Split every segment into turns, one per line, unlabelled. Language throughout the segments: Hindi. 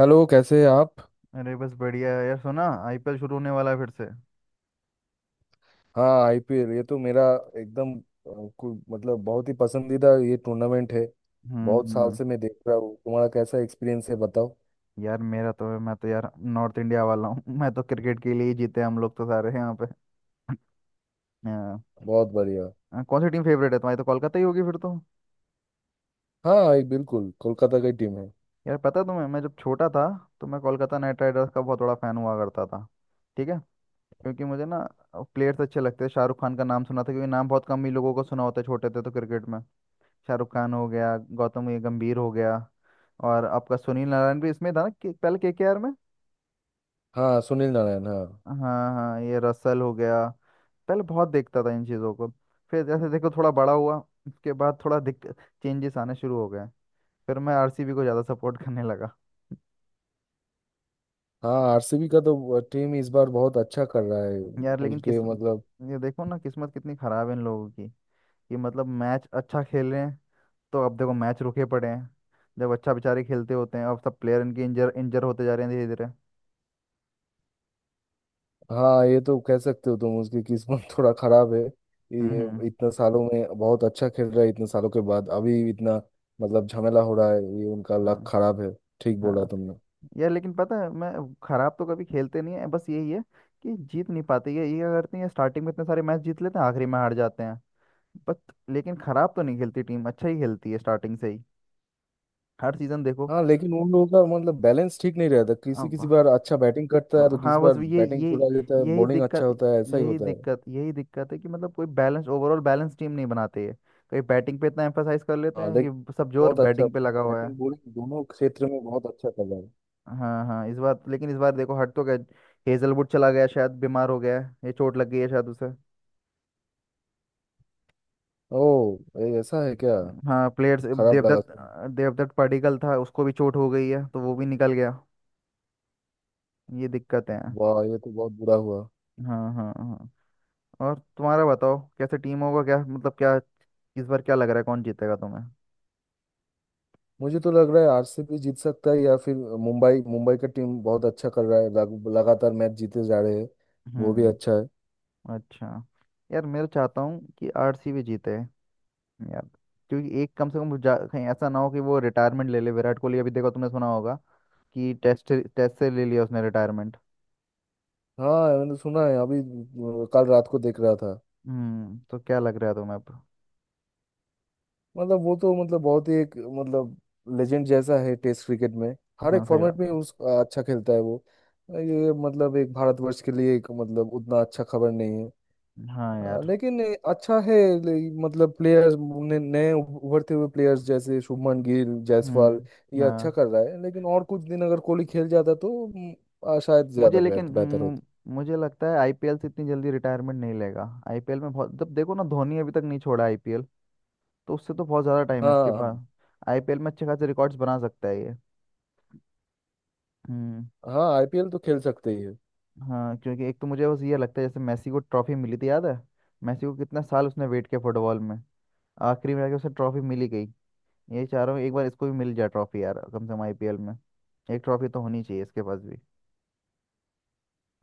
हेलो, कैसे हैं आप।
अरे, बस बढ़िया है यार। सुना आईपीएल शुरू होने वाला है फिर से।
हाँ, आईपीएल ये तो मेरा एकदम मतलब बहुत ही पसंदीदा ये टूर्नामेंट है। बहुत साल
हम्म।
से मैं देख रहा हूँ। तुम्हारा कैसा एक्सपीरियंस है, बताओ।
यार मेरा तो, मैं तो यार नॉर्थ इंडिया वाला हूँ मैं तो क्रिकेट के लिए ही जीते, हम लोग तो सारे यहाँ पे। हाँ,
बहुत बढ़िया।
हाँ, कौन सी टीम फेवरेट है तुम्हारी? तो कोलकाता ही होगी फिर तो।
हाँ, एक बिल्कुल कोलकाता की टीम है।
यार पता है तुम्हें, मैं जब छोटा था तो मैं कोलकाता नाइट राइडर्स का बहुत बड़ा फैन हुआ करता था। ठीक है। क्योंकि मुझे ना प्लेयर्स अच्छे लगते थे, शाहरुख खान का नाम सुना था, क्योंकि नाम बहुत कम ही लोगों को सुना होता है छोटे थे तो क्रिकेट में। शाहरुख खान हो गया, गौतम गंभीर हो गया, और आपका सुनील नारायण भी इसमें था ना पहले केकेआर में।
हाँ, सुनील नारायण, हाँ।
हाँ, हाँ ये रसल हो गया। पहले बहुत देखता था इन चीज़ों को। फिर जैसे देखो थोड़ा बड़ा हुआ, उसके बाद थोड़ा दिक चेंजेस आने शुरू हो गए। फिर मैं आरसीबी को ज़्यादा सपोर्ट करने लगा।
हाँ, आरसीबी का तो टीम इस बार बहुत अच्छा कर रहा है।
यार लेकिन किस
उनके मतलब।
ये देखो ना, किस्मत कितनी ख़राब है इन लोगों की, कि मतलब मैच अच्छा खेल रहे हैं तो अब देखो मैच रुके पड़े हैं। जब अच्छा बेचारे खेलते होते हैं, अब सब प्लेयर इनके इंजर इंजर होते जा रहे हैं धीरे धीरे।
हाँ, ये तो कह सकते हो, तुम उसकी किस्मत थोड़ा खराब है।
हम्म
ये
हम्म
इतने सालों में बहुत अच्छा खेल रहा है, इतने सालों के बाद अभी इतना मतलब झमेला हो रहा है, ये उनका लक
हम्म।
खराब है। ठीक बोला
हाँ
तुमने।
यार, लेकिन पता है मैं, खराब तो कभी खेलते नहीं है। बस यही है कि जीत नहीं पाते। ये क्या करती है, स्टार्टिंग में इतने सारे मैच जीत लेते हैं, आखिरी में हार जाते हैं। बट लेकिन खराब तो नहीं खेलती टीम, अच्छा ही खेलती है स्टार्टिंग से ही, हर सीजन देखो।
हाँ, लेकिन उन लोगों का मतलब बैलेंस ठीक नहीं रहता। किसी किसी
अब
बार अच्छा बैटिंग करता है तो
हाँ
किसी
हाँ,
बार
बस ये
बैटिंग
ये
छुड़ा देता है,
यही
बॉलिंग अच्छा
दिक्कत
होता है, ऐसा ही होता है।
यही दिक्कत है कि मतलब कोई बैलेंस, ओवरऑल बैलेंस टीम नहीं बनाते है। कहीं बैटिंग पे इतना एम्फेसाइज कर लेते
हाँ
हैं,
लेकिन,
कि सब जोर
बहुत अच्छा।
बैटिंग पे लगा हुआ है।
बैटिंग बॉलिंग दोनों क्षेत्र में बहुत अच्छा कर रहा है।
हाँ हाँ इस बार, लेकिन इस बार देखो हट तो गया, हेजलवुड चला गया, शायद बीमार हो गया है, ये चोट लग गई है शायद उसे।
ओह, ये ऐसा है क्या।
हाँ प्लेयर्स,
खराब लगा
देवदत्त
सुन।
देवदत्त पडिक्कल था, उसको भी चोट हो गई है, तो वो भी निकल गया। ये दिक्कतें हैं।
वाह, ये तो बहुत बुरा हुआ।
हाँ हाँ हाँ। और तुम्हारा बताओ, कैसे टीम होगा, क्या मतलब क्या, इस बार क्या लग रहा है, कौन जीतेगा तुम्हें?
मुझे तो लग रहा है आरसीबी जीत सकता है, या फिर मुंबई, मुंबई का टीम बहुत अच्छा कर रहा है, लगातार मैच जीते जा रहे हैं। वो भी अच्छा
हम्म।
है।
अच्छा। यार मैं तो चाहता हूँ कि आरसीबी जीते यार, क्योंकि एक कम से कम कहीं ऐसा ना हो कि वो रिटायरमेंट ले ले विराट कोहली। अभी देखो तुमने सुना होगा कि टेस्ट टेस्ट से ले लिया उसने रिटायरमेंट।
हाँ, मैंने सुना है। अभी कल रात को देख रहा था।
हम्म, तो क्या लग रहा है तुम्हें अब?
मतलब वो तो मतलब बहुत ही एक मतलब लेजेंड जैसा है टेस्ट क्रिकेट में। हर
हाँ
एक
सही
फॉर्मेट
बात
में
है।
उस अच्छा खेलता है वो। ये मतलब एक भारतवर्ष के लिए एक मतलब उतना अच्छा खबर नहीं है।
हाँ यार।
लेकिन ये अच्छा है। ले- मतलब प्लेयर्स ने नए उभरते हुए प्लेयर्स जैसे शुभमन गिल, जायसवाल,
हम्म।
ये अच्छा
हाँ।
कर रहा है, लेकिन और कुछ दिन अगर कोहली खेल जाता तो शायद ज्यादा
मुझे लेकिन
बेहतर
मु-
होता।
मुझे लगता है आईपीएल से इतनी जल्दी रिटायरमेंट नहीं लेगा। आईपीएल में बहुत, जब देखो ना धोनी अभी तक नहीं छोड़ा आईपीएल, तो उससे तो बहुत ज़्यादा टाइम है इसके
हाँ
पास। आईपीएल में अच्छे खासे रिकॉर्ड्स बना सकता है ये। हम्म।
हाँ, आईपीएल तो खेल सकते ही है।
हाँ, क्योंकि एक तो मुझे बस ये लगता है, जैसे मेसी को ट्रॉफी मिली थी, याद है? मेसी को कितना साल उसने वेट किया फुटबॉल में, आखिरी में जाके उसे ट्रॉफी मिली गई। यही चाह रहा हूँ, एक बार इसको भी मिल जाए ट्रॉफी यार, कम से कम आईपीएल में। एक ट्रॉफी तो होनी चाहिए इसके पास भी।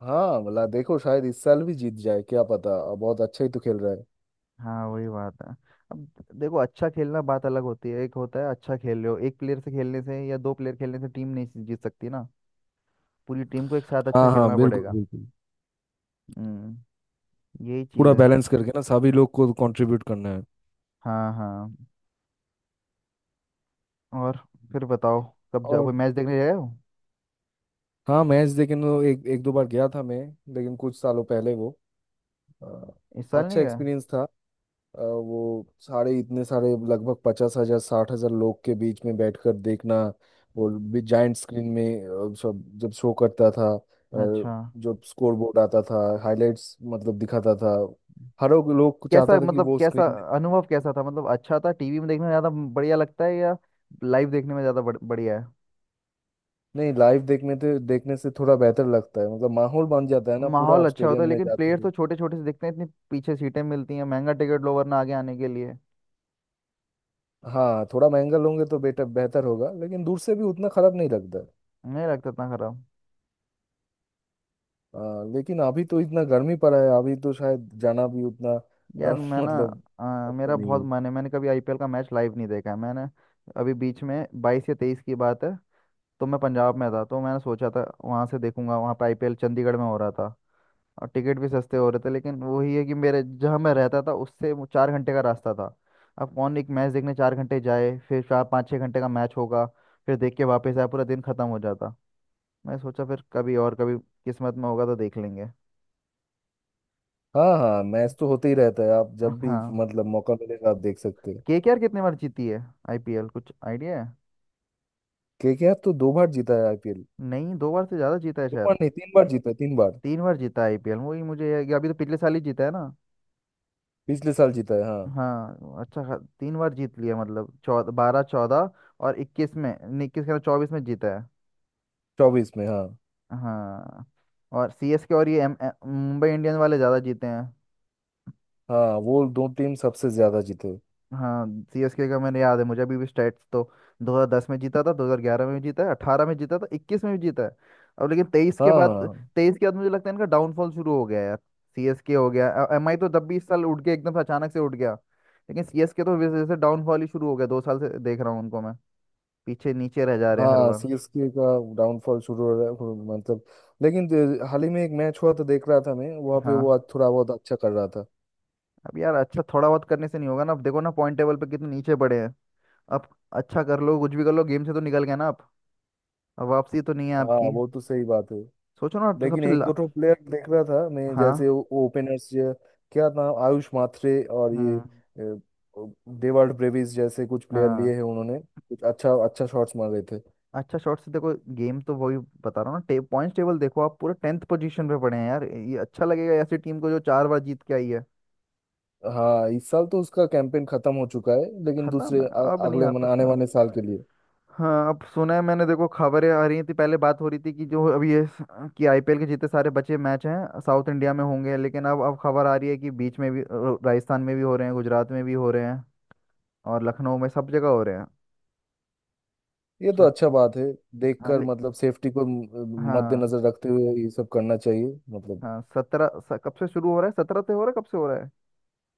हाँ, भला देखो शायद इस साल भी जीत जाए क्या पता, बहुत अच्छा ही तो खेल रहा है।
हाँ वही बात है। अब देखो अच्छा खेलना बात अलग होती है। एक होता है अच्छा खेल रहे हो, एक प्लेयर से खेलने से या दो प्लेयर खेलने से टीम नहीं जीत सकती ना। पूरी टीम को एक साथ अच्छा
हाँ
खेलना
हाँ,
हम्म
बिल्कुल
पड़ेगा।
बिल्कुल।
हम्म। यही
पूरा
चीज़ है।
बैलेंस करके ना, सभी लोग को कंट्रीब्यूट करना है।
हाँ हाँ। और फिर बताओ, कब जाओ, कोई
और।
मैच देखने गए हो?
हाँ, मैच देखने एक एक दो बार गया था मैं। लेकिन कुछ सालों पहले वो अ,
इस साल नहीं
अच्छा
गए?
एक्सपीरियंस था। वो सारे, इतने सारे लगभग 50,000 60,000 लोग के बीच में बैठकर देखना। वो भी जाइंट स्क्रीन में, सब जब शो करता था,
अच्छा।
जब स्कोर बोर्ड आता था, हाइलाइट्स मतलब दिखाता था। हर एक लोग
कैसा,
चाहता था कि
मतलब
वो
कैसा
स्क्रीन।
अनुभव कैसा था, मतलब अच्छा था? टीवी में देखने में ज़्यादा बढ़िया लगता है, या लाइव देखने में ज़्यादा बढ़िया है?
नहीं, लाइव देखने थे देखने से थोड़ा बेहतर लगता है, मतलब माहौल बन जाता है ना, पूरा
माहौल
आप
अच्छा होता
स्टेडियम
है,
में
लेकिन
जाते
प्लेयर तो
हो।
छोटे छोटे से दिखते हैं, इतनी पीछे सीटें मिलती हैं, महंगा टिकट लो वरना आगे आने के लिए।
हाँ, थोड़ा महंगा लोगे तो बेटर बेहतर होगा, लेकिन दूर से भी उतना खराब नहीं लगता।
नहीं लगता इतना खराब।
आ, लेकिन अभी तो इतना गर्मी पड़ा है, अभी तो शायद जाना भी उतना
यार मैं ना,
मतलब अच्छा
मेरा
नहीं
बहुत
है।
मन है, मैंने कभी आईपीएल का मैच लाइव नहीं देखा है मैंने। अभी बीच में 22 या 23 की बात है, तो मैं पंजाब में था, तो मैंने सोचा था वहां से देखूंगा, वहां पे आईपीएल चंडीगढ़ में हो रहा था। और टिकट भी सस्ते हो रहे थे, लेकिन वही है कि मेरे, जहाँ मैं रहता था उससे वो 4 घंटे का रास्ता था। अब कौन एक मैच देखने 4 घंटे जाए? फिर 4 5 6 घंटे का मैच होगा, फिर देख के वापस आए, पूरा दिन खत्म हो जाता। मैं सोचा फिर कभी, और कभी किस्मत में होगा तो देख लेंगे।
हाँ हाँ, मैच तो होते ही रहता है आप जब भी,
हाँ।
मतलब मौका मिलेगा, आप देख सकते हैं।
केकेआर कितनी बार जीती है आईपीएल, कुछ आइडिया है?
केकेआर तो दो बार जीता है आईपीएल।
नहीं, दो बार से ज़्यादा जीता है
दो
शायद।
बार नहीं, तीन बार जीता है, तीन बार।
तीन बार जीता है आईपीएल, वही मुझे अभी तो पिछले साल ही जीता है ना।
पिछले साल जीता है, हाँ।
हाँ अच्छा तीन बार जीत लिया मतलब, चौदह, बारह चौदह और 21 में, नहीं 21 के 24 में जीता है।
24 में, हाँ।
हाँ। और सीएसके और ये मुंबई इंडियंस वाले ज़्यादा जीते हैं।
हाँ, वो दो टीम सबसे ज्यादा जीते।
हाँ, सीएसके का मैंने याद है, मुझे अभी भी स्टेट्स, तो 2010 में जीता था, 2011 में भी जीता है, 18 में जीता था, 21 में भी जीता है। अब लेकिन 23 के
हाँ
बाद,
हाँ
मुझे लगता है इनका डाउनफॉल शुरू हो गया यार। सीएसके हो गया। एमआई तो तब भी, इस साल उठ गया एकदम से, अचानक से उठ गया। लेकिन सीएसके तो वैसे जैसे डाउनफॉल ही शुरू हो गया, 2 साल से देख रहा हूँ उनको मैं, पीछे नीचे रह जा रहे हैं हर
हाँ।
बार।
सीएसके का डाउनफॉल शुरू हो रहा है, वो मतलब, लेकिन हाल ही में एक मैच हुआ तो देख रहा था मैं वहाँ पे, वो
हाँ।
आज थोड़ा बहुत अच्छा कर रहा था।
अब यार अच्छा थोड़ा बहुत करने से नहीं होगा ना, अब देखो ना पॉइंट टेबल पे कितने नीचे पड़े हैं। अब अच्छा कर लो, कुछ भी कर लो, गेम से तो निकल गए ना आप, अब वापसी तो नहीं है
हाँ,
आपकी।
वो तो सही बात है।
सोचो ना तो
लेकिन
सबसे
एक
ला...
दो ठो प्लेयर देख रहा था मैं, जैसे
हाँ।
ओपनर्स, क्या नाम, आयुष माथरे, और ये
हम्म।
डेवाल्ड ब्रेविस जैसे कुछ प्लेयर लिए
हाँ,
हैं उन्होंने, कुछ अच्छा अच्छा शॉट्स मार रहे थे।
अच्छा शॉर्ट से देखो गेम तो वही, बता रहा हूँ ना पॉइंट्स टेबल देखो, आप पूरे टेंथ पोजीशन पे पड़े हैं यार। ये अच्छा लगेगा ऐसी टीम को जो चार बार जीत के आई है?
हाँ, इस साल तो उसका कैंपेन खत्म हो चुका है, लेकिन
खत्म
दूसरे
है, अब नहीं
अगले
आ
मन आने
सकता।
वाले साल के लिए।
हाँ, अब सुना है मैंने, देखो खबरें आ रही थी पहले, बात हो रही थी कि जो अभी कि आईपीएल के जितने सारे बचे मैच हैं साउथ इंडिया में होंगे, लेकिन अब खबर आ रही है कि बीच में भी, राजस्थान में भी हो रहे हैं, गुजरात में भी हो रहे हैं, और लखनऊ में सब जगह हो रहे हैं।
ये तो
सब।
अच्छा बात है।
हाँ
देखकर मतलब सेफ्टी को
हाँ
मद्देनजर रखते हुए ये सब करना चाहिए। मतलब।
हाँ सत्रह कब से शुरू हो रहा है? सत्रह से हो रहा है, कब से हो रहा है,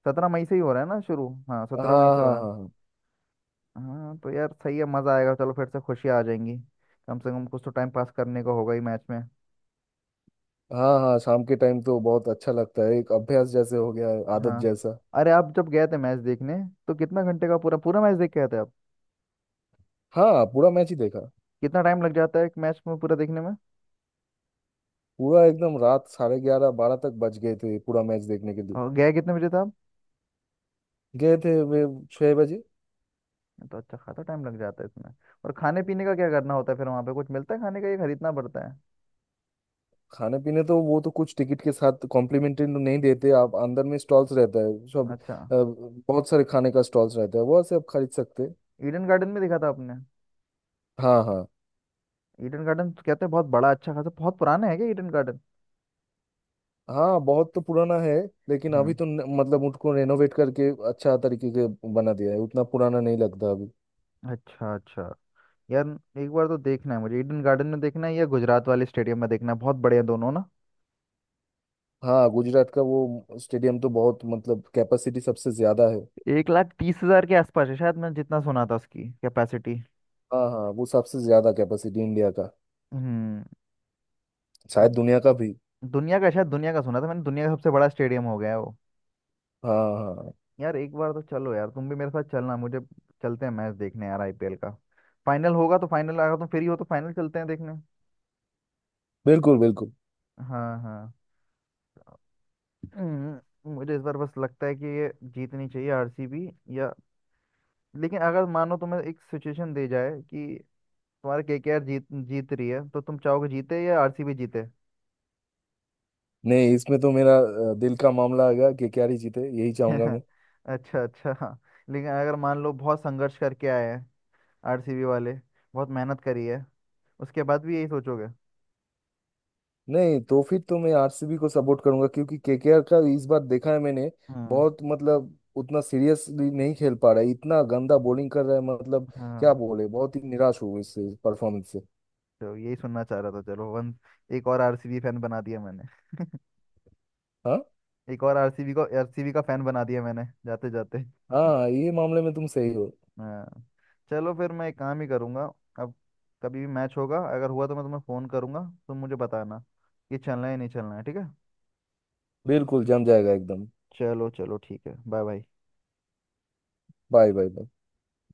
17 मई से ही हो रहा है ना शुरू, हाँ
हाँ
17 मई से हो
हाँ हाँ।
रहा है।
हाँ
हाँ तो यार सही है, मज़ा आएगा, चलो फिर से खुशियाँ आ जाएंगी। कम से कम कुछ तो टाइम पास करने को होगा ही मैच में।
हाँ हाँ, शाम के टाइम तो बहुत अच्छा लगता है, एक अभ्यास जैसे हो गया है, आदत
हाँ।
जैसा।
अरे आप जब गए थे मैच देखने, तो कितना घंटे का पूरा पूरा मैच देख के आए थे आप?
हाँ, पूरा मैच ही देखा।
कितना टाइम लग जाता है एक मैच में पूरा देखने में?
पूरा एकदम, रात 11:30 12 तक बज गए थे, पूरा मैच देखने के लिए।
और गए कितने बजे था आप?
गए थे वे 6 बजे।
ये तो अच्छा खासा टाइम लग जाता है इसमें। और खाने पीने का क्या करना होता है, फिर वहाँ पे कुछ मिलता है खाने का, ये खरीदना पड़ता है?
खाने पीने तो वो तो कुछ, टिकट के साथ कॉम्प्लीमेंट्री तो नहीं देते, आप अंदर में स्टॉल्स रहता है सब।
अच्छा।
बहुत सारे खाने का स्टॉल्स रहता है, वो से आप खरीद सकते हैं।
ईडन गार्डन में देखा था आपने?
हाँ हाँ।
ईडन गार्डन तो कहते हैं बहुत बड़ा, अच्छा खासा, बहुत पुराना है क्या ईडन गार्डन?
हाँ, बहुत तो पुराना है। लेकिन अभी
हम्म।
तो मतलब उनको रेनोवेट करके अच्छा तरीके के बना दिया है, उतना पुराना नहीं लगता अभी।
अच्छा अच्छा। यार एक बार तो देखना है मुझे, ईडन गार्डन में देखना है या गुजरात वाले स्टेडियम में देखना है, बहुत बढ़िया दोनों ना।
हाँ, गुजरात का वो स्टेडियम तो बहुत मतलब, कैपेसिटी सबसे ज्यादा है।
1,30,000 के आसपास है शायद, मैंने जितना सुना था उसकी कैपेसिटी।
हाँ हाँ, वो सबसे ज्यादा कैपेसिटी इंडिया का,
हम्म।
शायद
अब
दुनिया का भी।
दुनिया का, शायद दुनिया का सुना था मैंने, दुनिया का सबसे बड़ा स्टेडियम हो गया है वो।
हाँ हाँ,
यार एक बार तो चलो यार, तुम भी मेरे साथ चलना, मुझे चलते हैं मैच देखने यार, आईपीएल का फाइनल होगा तो फाइनल, अगर तुम फ्री हो तो फाइनल चलते हैं देखने।
बिल्कुल बिल्कुल।
हाँ हाँ। मुझे इस बार बस लगता है कि ये जीतनी चाहिए आरसीबी, या। लेकिन अगर मानो तुम्हें एक सिचुएशन दी जाए, कि तुम्हारे केकेआर जीत जीत रही है, तो तुम चाहोगे जीते या आरसीबी जीते?
नहीं, इसमें तो मेरा दिल का मामला आएगा, केकेआर ही जीते, यही चाहूंगा मैं।
अच्छा अच्छा हाँ। लेकिन अगर मान लो बहुत संघर्ष करके आए हैं आरसीबी वाले, बहुत मेहनत करी है, उसके बाद भी यही सोचोगे?
नहीं तो फिर तो मैं आरसीबी को सपोर्ट करूंगा, क्योंकि केकेआर का इस बार देखा है मैंने,
हम्म।
बहुत मतलब उतना सीरियसली नहीं खेल पा रहा है, इतना गंदा बॉलिंग कर रहा है, मतलब क्या
हाँ,
बोले, बहुत ही निराश हुआ इससे परफॉर्मेंस से।
तो यही सुनना चाह रहा था। चलो वन एक और आरसीबी फैन बना दिया मैंने।
हाँ
एक और आरसीबी को, आरसीबी का फैन बना दिया मैंने जाते जाते।
हाँ, ये मामले में तुम सही हो।
हाँ। चलो फिर मैं एक काम ही करूँगा। अब कभी भी मैच होगा, अगर हुआ तो मैं तुम्हें फ़ोन करूँगा, तुम मुझे बताना कि चलना है नहीं चलना है, ठीक है?
बिल्कुल, जम जाएगा एकदम।
चलो चलो ठीक है, बाय बाय।
Bye bye.